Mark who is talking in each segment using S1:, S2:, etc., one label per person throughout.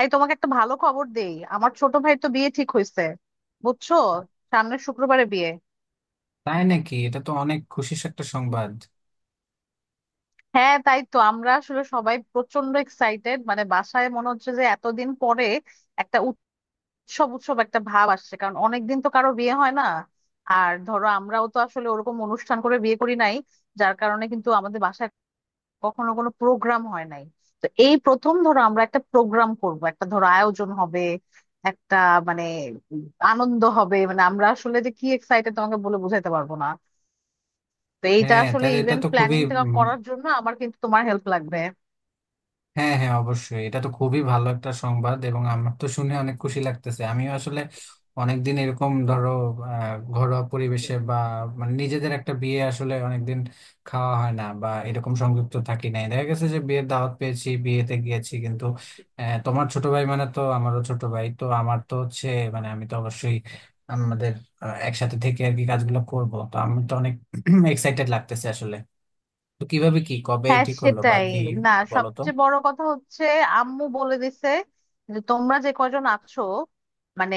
S1: এই তোমাকে একটা ভালো খবর দেই, আমার ছোট ভাই তো বিয়ে ঠিক হয়েছে, বুঝছো? সামনের শুক্রবারে বিয়ে।
S2: তাই নাকি? এটা তো অনেক খুশির একটা সংবাদ।
S1: হ্যাঁ, তাই তো আমরা আসলে সবাই প্রচন্ড এক্সাইটেড, মানে বাসায় মনে হচ্ছে যে এতদিন পরে একটা উৎসব উৎসব একটা ভাব আসছে, কারণ অনেকদিন তো কারো বিয়ে হয় না। আর ধরো, আমরাও তো আসলে ওরকম অনুষ্ঠান করে বিয়ে করি নাই, যার কারণে কিন্তু আমাদের বাসায় কখনো কোনো প্রোগ্রাম হয় নাই। তো এই প্রথম ধরো আমরা একটা প্রোগ্রাম করব, একটা ধরো আয়োজন হবে, একটা মানে আনন্দ হবে। মানে আমরা আসলে যে কি এক্সাইটেড তোমাকে বলে বোঝাতে পারবো না। তো এইটা
S2: হ্যাঁ,
S1: আসলে
S2: তাহলে এটা
S1: ইভেন্ট
S2: তো খুবই
S1: প্ল্যানিংটা করার জন্য আমার কিন্তু তোমার হেল্প লাগবে।
S2: হ্যাঁ হ্যাঁ, অবশ্যই এটা তো খুবই ভালো একটা সংবাদ, এবং আমার তো শুনে অনেক খুশি লাগতেছে। আমিও আসলে অনেকদিন এরকম ধরো ঘরোয়া পরিবেশে বা মানে নিজেদের একটা বিয়ে আসলে অনেকদিন খাওয়া হয় না, বা এরকম সংযুক্ত থাকি নাই, দেখা গেছে যে বিয়ের দাওয়াত পেয়েছি, বিয়েতে গিয়েছি, কিন্তু তোমার ছোট ভাই মানে তো আমারও ছোট ভাই, তো আমার তো হচ্ছে মানে আমি তো অবশ্যই আমাদের একসাথে থেকে আর কি কাজগুলো করব, তো আমি তো অনেক এক্সাইটেড লাগতেছে আসলে। তো কিভাবে কি কবে
S1: হ্যাঁ
S2: ঠিক করলো, বা
S1: সেটাই,
S2: কি
S1: না
S2: বলো তো।
S1: সবচেয়ে বড় কথা হচ্ছে আম্মু বলে দিছে যে তোমরা যে কজন আছো, মানে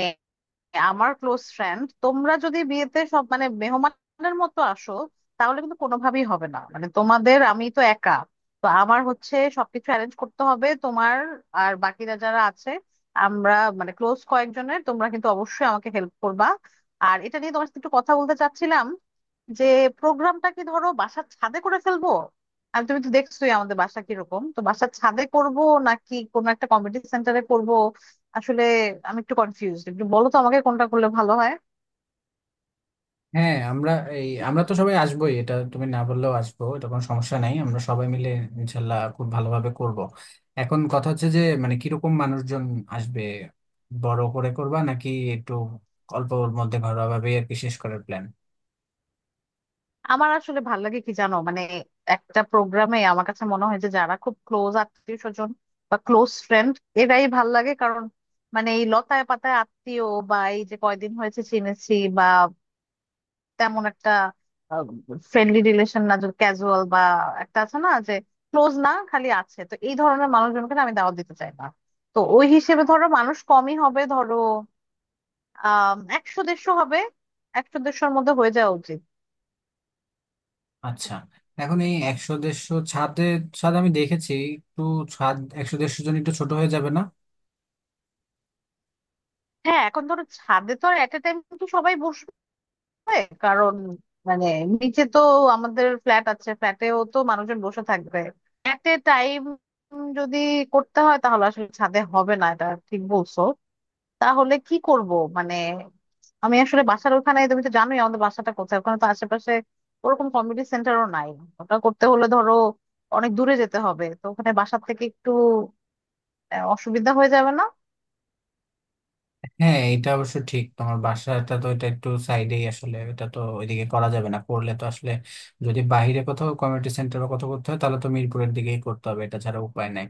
S1: আমার ক্লোজ ফ্রেন্ড, তোমরা যদি বিয়েতে সব মানে মেহমানের মতো আসো তাহলে কিন্তু কোনোভাবেই হবে না, মানে তোমাদের আমি তো একা। তো আমার হচ্ছে সবকিছু অ্যারেঞ্জ করতে হবে, তোমার আর বাকিরা যারা আছে আমরা, মানে ক্লোজ কয়েকজনের, তোমরা কিন্তু অবশ্যই আমাকে হেল্প করবা। আর এটা নিয়ে তোমার সাথে একটু কথা বলতে চাচ্ছিলাম যে প্রোগ্রামটা কি ধরো বাসার ছাদে করে ফেলবো? আর তুমি তো দেখছোই আমাদের বাসা কিরকম, তো বাসার ছাদে করব নাকি কোনো একটা কমিউনিটি সেন্টারে করব? আসলে আমি একটু কনফিউজড। একটু বলো তো আমাকে কোনটা করলে ভালো হয়।
S2: হ্যাঁ, আমরা এই আমরা তো সবাই আসবোই, এটা তুমি না বললেও আসবো, এটা কোনো সমস্যা নাই। আমরা সবাই মিলে ইনশাল্লাহ খুব ভালোভাবে করব। এখন কথা হচ্ছে যে মানে কিরকম মানুষজন আসবে, বড় করে করবা নাকি একটু অল্পর মধ্যে ঘরোয়া ভাবে আর কি শেষ করার প্ল্যান।
S1: আমার আসলে ভালো লাগে কি জানো, মানে একটা প্রোগ্রামে আমার কাছে মনে হয় যে যারা খুব ক্লোজ আত্মীয় স্বজন বা ক্লোজ ফ্রেন্ড এরাই ভাল লাগে। কারণ মানে এই লতায় পাতায় আত্মীয়, বা এই যে কয়দিন হয়েছে চিনেছি, বা তেমন একটা ফ্রেন্ডলি রিলেশন না, যে ক্যাজুয়াল বা একটা আছে না যে ক্লোজ না, খালি আছে, তো এই ধরনের মানুষজনকে না আমি দাওয়াত দিতে চাই না। তো ওই হিসেবে ধরো মানুষ কমই হবে, ধরো 100-150 হবে। 100-150র মধ্যে হয়ে যাওয়া উচিত।
S2: আচ্ছা, এখন এই 100 150 ছাদে, ছাদ আমি দেখেছি, একটু ছাদ 100 150 জন একটু ছোট হয়ে যাবে না?
S1: হ্যাঁ এখন ধরো ছাদে তো আর এট এ টাইম কি সবাই বসবে? কারণ মানে নিচে তো আমাদের ফ্ল্যাট আছে, ফ্ল্যাটেও তো মানুষজন বসে থাকবে। এট এ টাইম যদি করতে হয় তাহলে আসলে ছাদে হবে না, এটা ঠিক বলছো। তাহলে কি করব? মানে আমি আসলে বাসার ওখানে, তুমি তো জানোই আমাদের বাসাটা কোথায়, ওখানে তো আশেপাশে ওরকম কমিউনিটি সেন্টারও নাই। ওটা করতে হলে ধরো অনেক দূরে যেতে হবে, তো ওখানে বাসার থেকে একটু অসুবিধা হয়ে যাবে না?
S2: হ্যাঁ, এটা অবশ্য ঠিক, তোমার বাসাটা তো এটা একটু সাইডেই আসলে, এটা তো ওইদিকে করা যাবে না, করলে তো আসলে যদি বাইরে কোথাও কমিউনিটি সেন্টার বা কোথাও করতে হয় তাহলে তো মিরপুরের দিকেই করতে হবে, এটা ছাড়া উপায় নাই।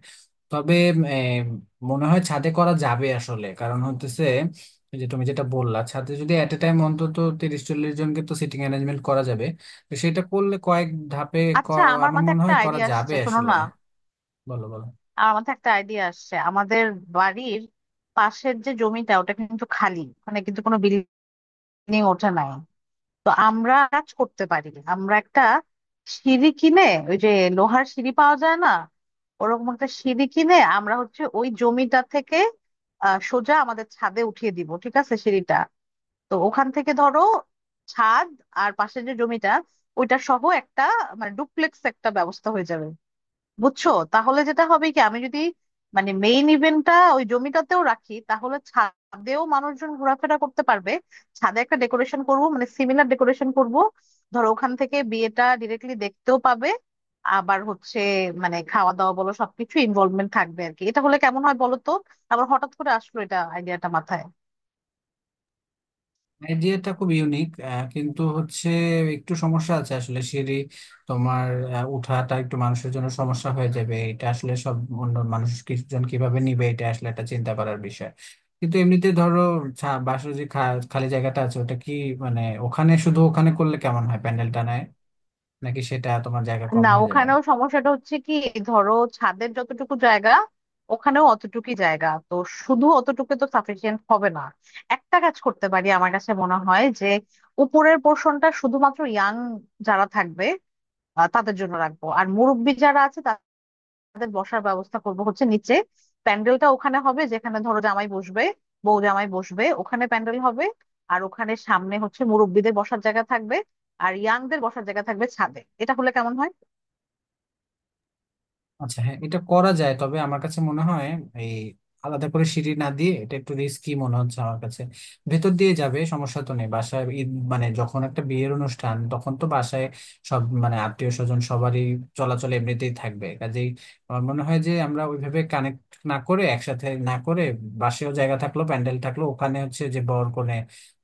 S2: তবে এম, মনে হয় ছাদে করা যাবে আসলে। কারণ হতেছে এই যে তুমি যেটা বললা, ছাদে যদি এট এ টাইম অন্তত 30 40 জনকে তো সিটিং অ্যারেঞ্জমেন্ট করা যাবে, তো সেটা করলে কয়েক ধাপে ক-
S1: আচ্ছা আমার
S2: আমার
S1: মাথায়
S2: মনে
S1: একটা
S2: হয় করা
S1: আইডিয়া
S2: যাবে
S1: আসছে, শোনো
S2: আসলে।
S1: না।
S2: বলো বলো।
S1: আমার মাথায় একটা আইডিয়া আসছে, আমাদের বাড়ির পাশের যে জমিটা ওটা কিন্তু খালি, মানে কিন্তু কোনো বিল্ডিং ওঠে নাই। তো আমরা কাজ করতে পারি, আমরা একটা সিঁড়ি কিনে, ওই যে লোহার সিঁড়ি পাওয়া যায় না, ওরকম একটা সিঁড়ি কিনে আমরা হচ্ছে ওই জমিটা থেকে সোজা আমাদের ছাদে উঠিয়ে দিব, ঠিক আছে, সিঁড়িটা। তো ওখান থেকে ধরো ছাদ আর পাশে যে জমিটা ওইটা সহ একটা মানে ডুপ্লেক্স একটা ব্যবস্থা হয়ে যাবে, বুঝছো? তাহলে যেটা হবে কি, আমি যদি মানে মেইন ইভেন্টটা ওই জমিটাতেও রাখি তাহলে ছাদেও মানুষজন ঘোরাফেরা করতে পারবে। ছাদে একটা ডেকোরেশন করব, মানে সিমিলার ডেকোরেশন করব, ধরো ওখান থেকে বিয়েটা ডিরেক্টলি দেখতেও পাবে। আবার হচ্ছে মানে খাওয়া দাওয়া বলো সবকিছু ইনভলভমেন্ট থাকবে আর কি। এটা হলে কেমন হয় বলো তো। আবার হঠাৎ করে আসলো এটা আইডিয়াটা মাথায়।
S2: আইডিয়াটা খুব ইউনিক, কিন্তু হচ্ছে একটু সমস্যা আছে আসলে। সিঁড়ি তোমার উঠাটা একটু মানুষের জন্য সমস্যা হয়ে যাবে, এটা আসলে সব অন্য মানুষ কিছুজন কিভাবে নিবে এটা আসলে একটা চিন্তা করার বিষয়। কিন্তু এমনিতে ধরো বাসার যে খালি জায়গাটা আছে ওটা কি মানে ওখানে, শুধু ওখানে করলে কেমন হয় প্যান্ডেলটা নেয়, নাকি সেটা তোমার জায়গা কম
S1: না
S2: হয়ে যাবে?
S1: ওখানেও সমস্যাটা হচ্ছে কি, ধরো ছাদের যতটুকু জায়গা ওখানেও অতটুকুই জায়গা, তো শুধু অতটুকু তো সাফিসিয়েন্ট হবে না। একটা কাজ করতে পারি, আমার কাছে মনে হয় যে উপরের পোর্শনটা শুধুমাত্র ইয়াং যারা থাকবে তাদের জন্য রাখবো, আর মুরব্বি যারা আছে তাদের বসার ব্যবস্থা করব হচ্ছে নিচে। প্যান্ডেলটা ওখানে হবে যেখানে ধরো জামাই বসবে, বউ জামাই বসবে, ওখানে প্যান্ডেল হবে। আর ওখানে সামনে হচ্ছে মুরব্বিদের বসার জায়গা থাকবে, আর ইয়াংদের বসার জায়গা থাকবে ছাদে। এটা হলে কেমন হয়?
S2: আচ্ছা হ্যাঁ, এটা করা যায়, তবে আমার কাছে মনে হয় এই আলাদা করে সিঁড়ি না দিয়ে এটা একটু রিস্কি মনে হচ্ছে আমার কাছে। ভেতর দিয়ে যাবে, সমস্যা তো নেই, বাসায় ঈদ মানে যখন একটা বিয়ের অনুষ্ঠান তখন তো বাসায় সব মানে আত্মীয় স্বজন সবারই চলাচল এমনিতেই থাকবে। কাজেই আমার মনে হয় যে আমরা ওইভাবে কানেক্ট না করে, একসাথে না করে, বাসেও জায়গা থাকলো, প্যান্ডেল থাকলো, ওখানে হচ্ছে যে বর কনে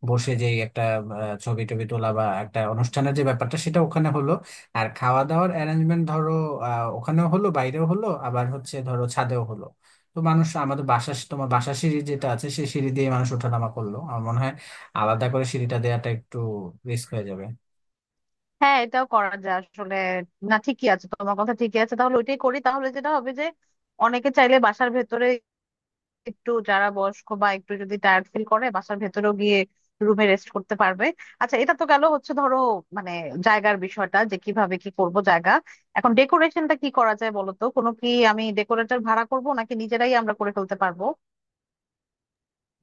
S2: বসে, যেই একটা ছবি টবি তোলা বা একটা অনুষ্ঠানের যে ব্যাপারটা সেটা ওখানে হলো, আর খাওয়া দাওয়ার অ্যারেঞ্জমেন্ট ধরো ওখানেও হলো, বাইরেও হলো, আবার হচ্ছে ধরো ছাদেও হলো। তো মানুষ আমাদের বাসা তোমার বাসা সিঁড়ি যেটা আছে সেই সিঁড়ি দিয়ে মানুষ ওঠানামা করলো, আমার মনে হয় আলাদা করে সিঁড়িটা দেওয়াটা একটু রিস্ক হয়ে যাবে।
S1: হ্যাঁ এটাও করা যায় আসলে। না ঠিকই আছে, তোমার কথা ঠিকই আছে, তাহলে ওইটাই করি। তাহলে যেটা হবে যে অনেকে চাইলে বাসার ভেতরে, একটু যারা বয়স্ক বা একটু যদি টায়ার্ড ফিল করে বাসার ভেতরেও গিয়ে রুমে রেস্ট করতে পারবে। আচ্ছা এটা তো গেল হচ্ছে ধরো মানে জায়গার বিষয়টা যে কিভাবে কি করব জায়গা। এখন ডেকোরেশনটা কি করা যায় বলো তো? কোনো কি আমি ডেকোরেটর ভাড়া করব নাকি নিজেরাই আমরা করে ফেলতে পারবো?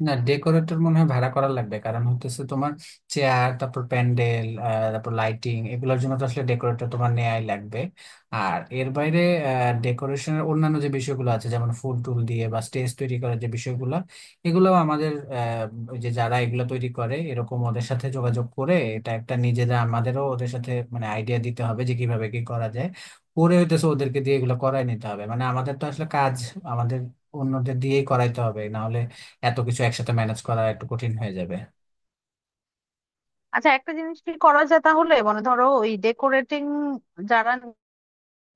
S2: না, ডেকোরেটর মনে হয় ভাড়া করা লাগবে, কারণ হতেছে তোমার চেয়ার, তারপর প্যান্ডেল, তারপর লাইটিং, এগুলোর জন্য তো আসলে ডেকোরেটর তোমার নেয়াই লাগবে। আর এর বাইরে ডেকোরেশনের অন্যান্য যে বিষয়গুলো আছে, যেমন ফুল টুল দিয়ে বা স্টেজ তৈরি করার যে বিষয়গুলো, এগুলো আমাদের ওই যে যারা এগুলো তৈরি করে এরকম ওদের সাথে যোগাযোগ করে, এটা একটা নিজেরা আমাদেরও ওদের সাথে মানে আইডিয়া দিতে হবে যে কিভাবে কি করা যায়। পরে হইতেছে ওদেরকে দিয়ে এগুলো করাই নিতে হবে, মানে আমাদের তো আসলে কাজ আমাদের অন্যদের দিয়েই করাইতে হবে, না এত কিছু একসাথে ম্যানেজ করা একটু কঠিন হয়ে যাবে।
S1: আচ্ছা একটা জিনিস কি করা যায় তাহলে, মানে ধরো ওই ডেকোরেটিং যারা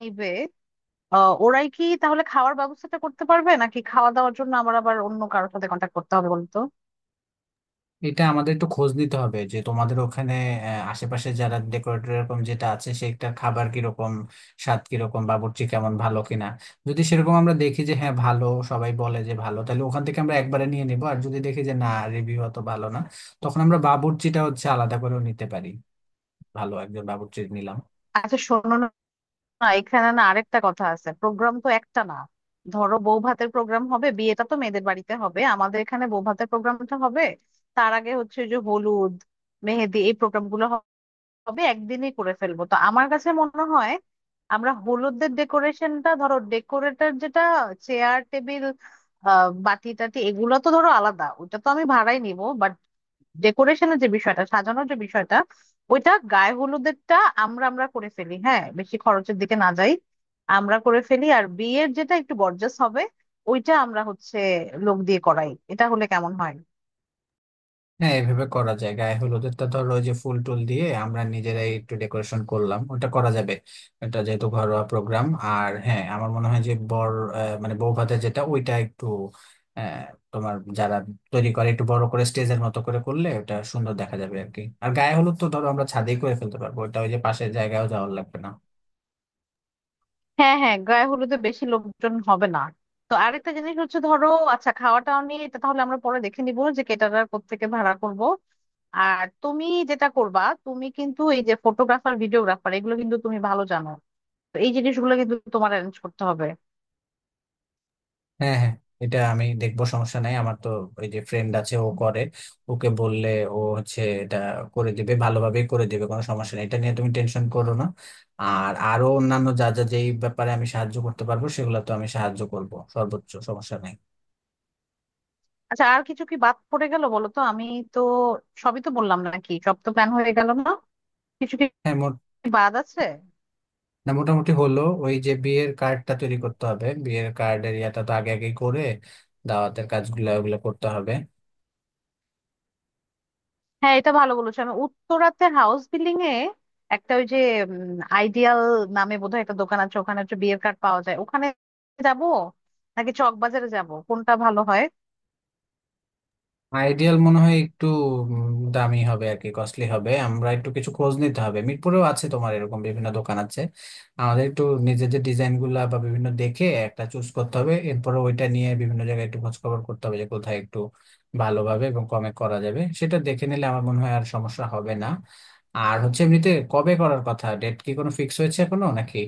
S1: নিবে ওরাই কি তাহলে খাওয়ার ব্যবস্থাটা করতে পারবে, নাকি খাওয়া দাওয়ার জন্য আমার আবার অন্য কারোর সাথে কন্ট্যাক্ট করতে হবে, বলতো?
S2: এটা আমাদের একটু খোঁজ নিতে হবে যে তোমাদের ওখানে আশেপাশে যারা ডেকোরেটর এরকম যেটা আছে সেটা খাবার কিরকম, স্বাদ কিরকম, বাবুর্চি কেমন, ভালো কিনা। যদি সেরকম আমরা দেখি যে হ্যাঁ, ভালো সবাই বলে যে ভালো, তাহলে ওখান থেকে আমরা একবারে নিয়ে নিবো, আর যদি দেখি যে না, রিভিউ অত ভালো না, তখন আমরা বাবুর্চিটা হচ্ছে আলাদা করেও নিতে পারি, ভালো একজন বাবুর্চি নিলাম।
S1: আচ্ছা শোনো না, এখানে না আরেকটা কথা আছে, প্রোগ্রাম তো একটা না। ধরো বউ ভাতের প্রোগ্রাম হবে, বিয়েটা তো মেয়েদের বাড়িতে হবে, আমাদের এখানে বউ ভাতের প্রোগ্রামটা হবে। তার আগে হচ্ছে যে হলুদ মেহেদি এই প্রোগ্রাম গুলো হবে, একদিনই করে ফেলবো, তো আমার কাছে মনে হয় আমরা হলুদের ডেকোরেশনটা ধরো ডেকোরেটর যেটা চেয়ার টেবিল বাতি টাতি এগুলো তো ধরো আলাদা, ওটা তো আমি ভাড়াই নিব। ডেকোরেশনের যে বিষয়টা সাজানোর যে বিষয়টা, ওইটা গায়ে হলুদেরটা আমরা আমরা করে ফেলি, হ্যাঁ বেশি খরচের দিকে না যাই, আমরা করে ফেলি। আর বিয়ের যেটা একটু গর্জাস হবে, ওইটা আমরা হচ্ছে লোক দিয়ে করাই। এটা হলে কেমন হয়?
S2: হ্যাঁ, এভাবে করা যায়, গায়ে হলুদেরটা ধরো ওই যে ফুল টুল দিয়ে আমরা নিজেরাই একটু ডেকোরেশন করলাম, ওটা করা যাবে, এটা যেহেতু ঘরোয়া প্রোগ্রাম। আর হ্যাঁ, আমার মনে হয় যে বর মানে বউ ভাতের যেটা ওইটা একটু আহ, তোমার যারা তৈরি করে একটু বড় করে স্টেজের মতো করে করলে ওটা সুন্দর দেখা যাবে আর কি। আর গায়ে হলুদ তো ধরো আমরা ছাদেই করে ফেলতে পারবো ওটা, ওই যে পাশের জায়গায়ও যাওয়ার লাগবে না।
S1: হ্যাঁ হ্যাঁ গায়ে হলুদে বেশি লোকজন হবে না। তো আরেকটা জিনিস হচ্ছে ধরো, আচ্ছা খাওয়া টাওয়া নিয়ে এটা তাহলে আমরা পরে দেখে নিবো যে কেটারার কোত্থেকে ভাড়া করব। আর তুমি যেটা করবা, তুমি কিন্তু এই যে ফটোগ্রাফার ভিডিওগ্রাফার এগুলো কিন্তু তুমি ভালো জানো, তো এই জিনিসগুলো কিন্তু তোমার অ্যারেঞ্জ করতে হবে।
S2: হ্যাঁ হ্যাঁ, এটা আমি দেখবো, সমস্যা নাই। আমার তো ওই যে ফ্রেন্ড আছে ও করে, ওকে বললে ও হচ্ছে এটা করে দিবে, ভালোভাবেই করে দিবে, কোনো সমস্যা নেই, এটা নিয়ে তুমি টেনশন করো না। আর আরো অন্যান্য যা যা যেই ব্যাপারে আমি সাহায্য করতে পারবো সেগুলো তো আমি সাহায্য করব সর্বোচ্চ, সমস্যা নাই।
S1: আচ্ছা আর কিছু কি বাদ পড়ে গেল বলো তো, আমি তো সবই তো বললাম নাকি? সব তো প্ল্যান হয়ে গেল না, কিছু কি
S2: হ্যাঁ, মোট,
S1: বাদ আছে?
S2: না মোটামুটি হলো, ওই যে বিয়ের কার্ডটা তৈরি করতে হবে, বিয়ের কার্ডের ইয়াটা তো আগে আগেই করে দাওয়াতের কাজগুলো ওগুলো করতে হবে।
S1: হ্যাঁ এটা ভালো বলেছো। আমি উত্তরাতে হাউস বিল্ডিং এ একটা, ওই যে আইডিয়াল নামে বোধহয় একটা দোকান আছে, ওখানে হচ্ছে বিয়ের কার্ড পাওয়া যায়, ওখানে যাবো নাকি চকবাজারে যাব, কোনটা ভালো হয়?
S2: আইডিয়াল মনে হয় একটু দামি হবে আর কি, কস্টলি হবে, আমরা একটু কিছু খোঁজ নিতে হবে, মিরপুরেও আছে তোমার এরকম বিভিন্ন দোকান আছে। আমাদের একটু নিজেদের ডিজাইন গুলা বা বিভিন্ন দেখে একটা চুজ করতে হবে, এরপরে ওইটা নিয়ে বিভিন্ন জায়গায় একটু খোঁজ খবর করতে হবে যে কোথায় একটু ভালোভাবে এবং কমে করা যাবে, সেটা দেখে নিলে আমার মনে হয় আর সমস্যা হবে না। আর হচ্ছে এমনিতে কবে করার কথা, ডেট কি কোনো ফিক্স হয়েছে এখনো নাকি?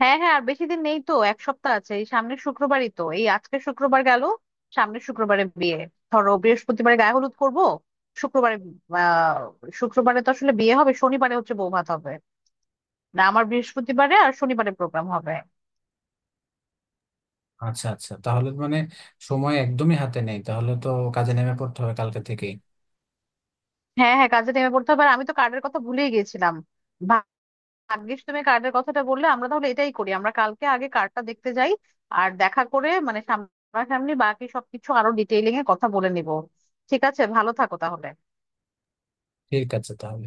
S1: হ্যাঁ হ্যাঁ আর বেশি দিন নেই তো, এক সপ্তাহ আছে, এই সামনের শুক্রবারই তো, এই আজকে শুক্রবার গেল, সামনের শুক্রবারে বিয়ে। ধরো বৃহস্পতিবারে গায়ে হলুদ করব, শুক্রবারে আহ শুক্রবারে তো আসলে বিয়ে হবে, শনিবারে হচ্ছে বৌভাত হবে। না আমার বৃহস্পতিবারে আর শনিবারে প্রোগ্রাম হবে।
S2: আচ্ছা আচ্ছা, তাহলে মানে সময় একদমই হাতে নেই তাহলে তো, কাজে নেমে পড়তে হবে কালকে থেকেই।
S1: হ্যাঁ হ্যাঁ কাজে নেমে পড়তে হবে। আর আমি তো কার্ডের কথা ভুলেই গিয়েছিলাম, ভা- ভাগ্যিস তুমি কার্ডের কথাটা বললে। আমরা তাহলে এটাই করি, আমরা কালকে আগে কার্ডটা দেখতে যাই আর দেখা করে মানে সামনাসামনি বাকি সবকিছু আরো ডিটেইলিং এ কথা বলে নিব। ঠিক আছে, ভালো থাকো তাহলে।
S2: ঠিক আছে তাহলে।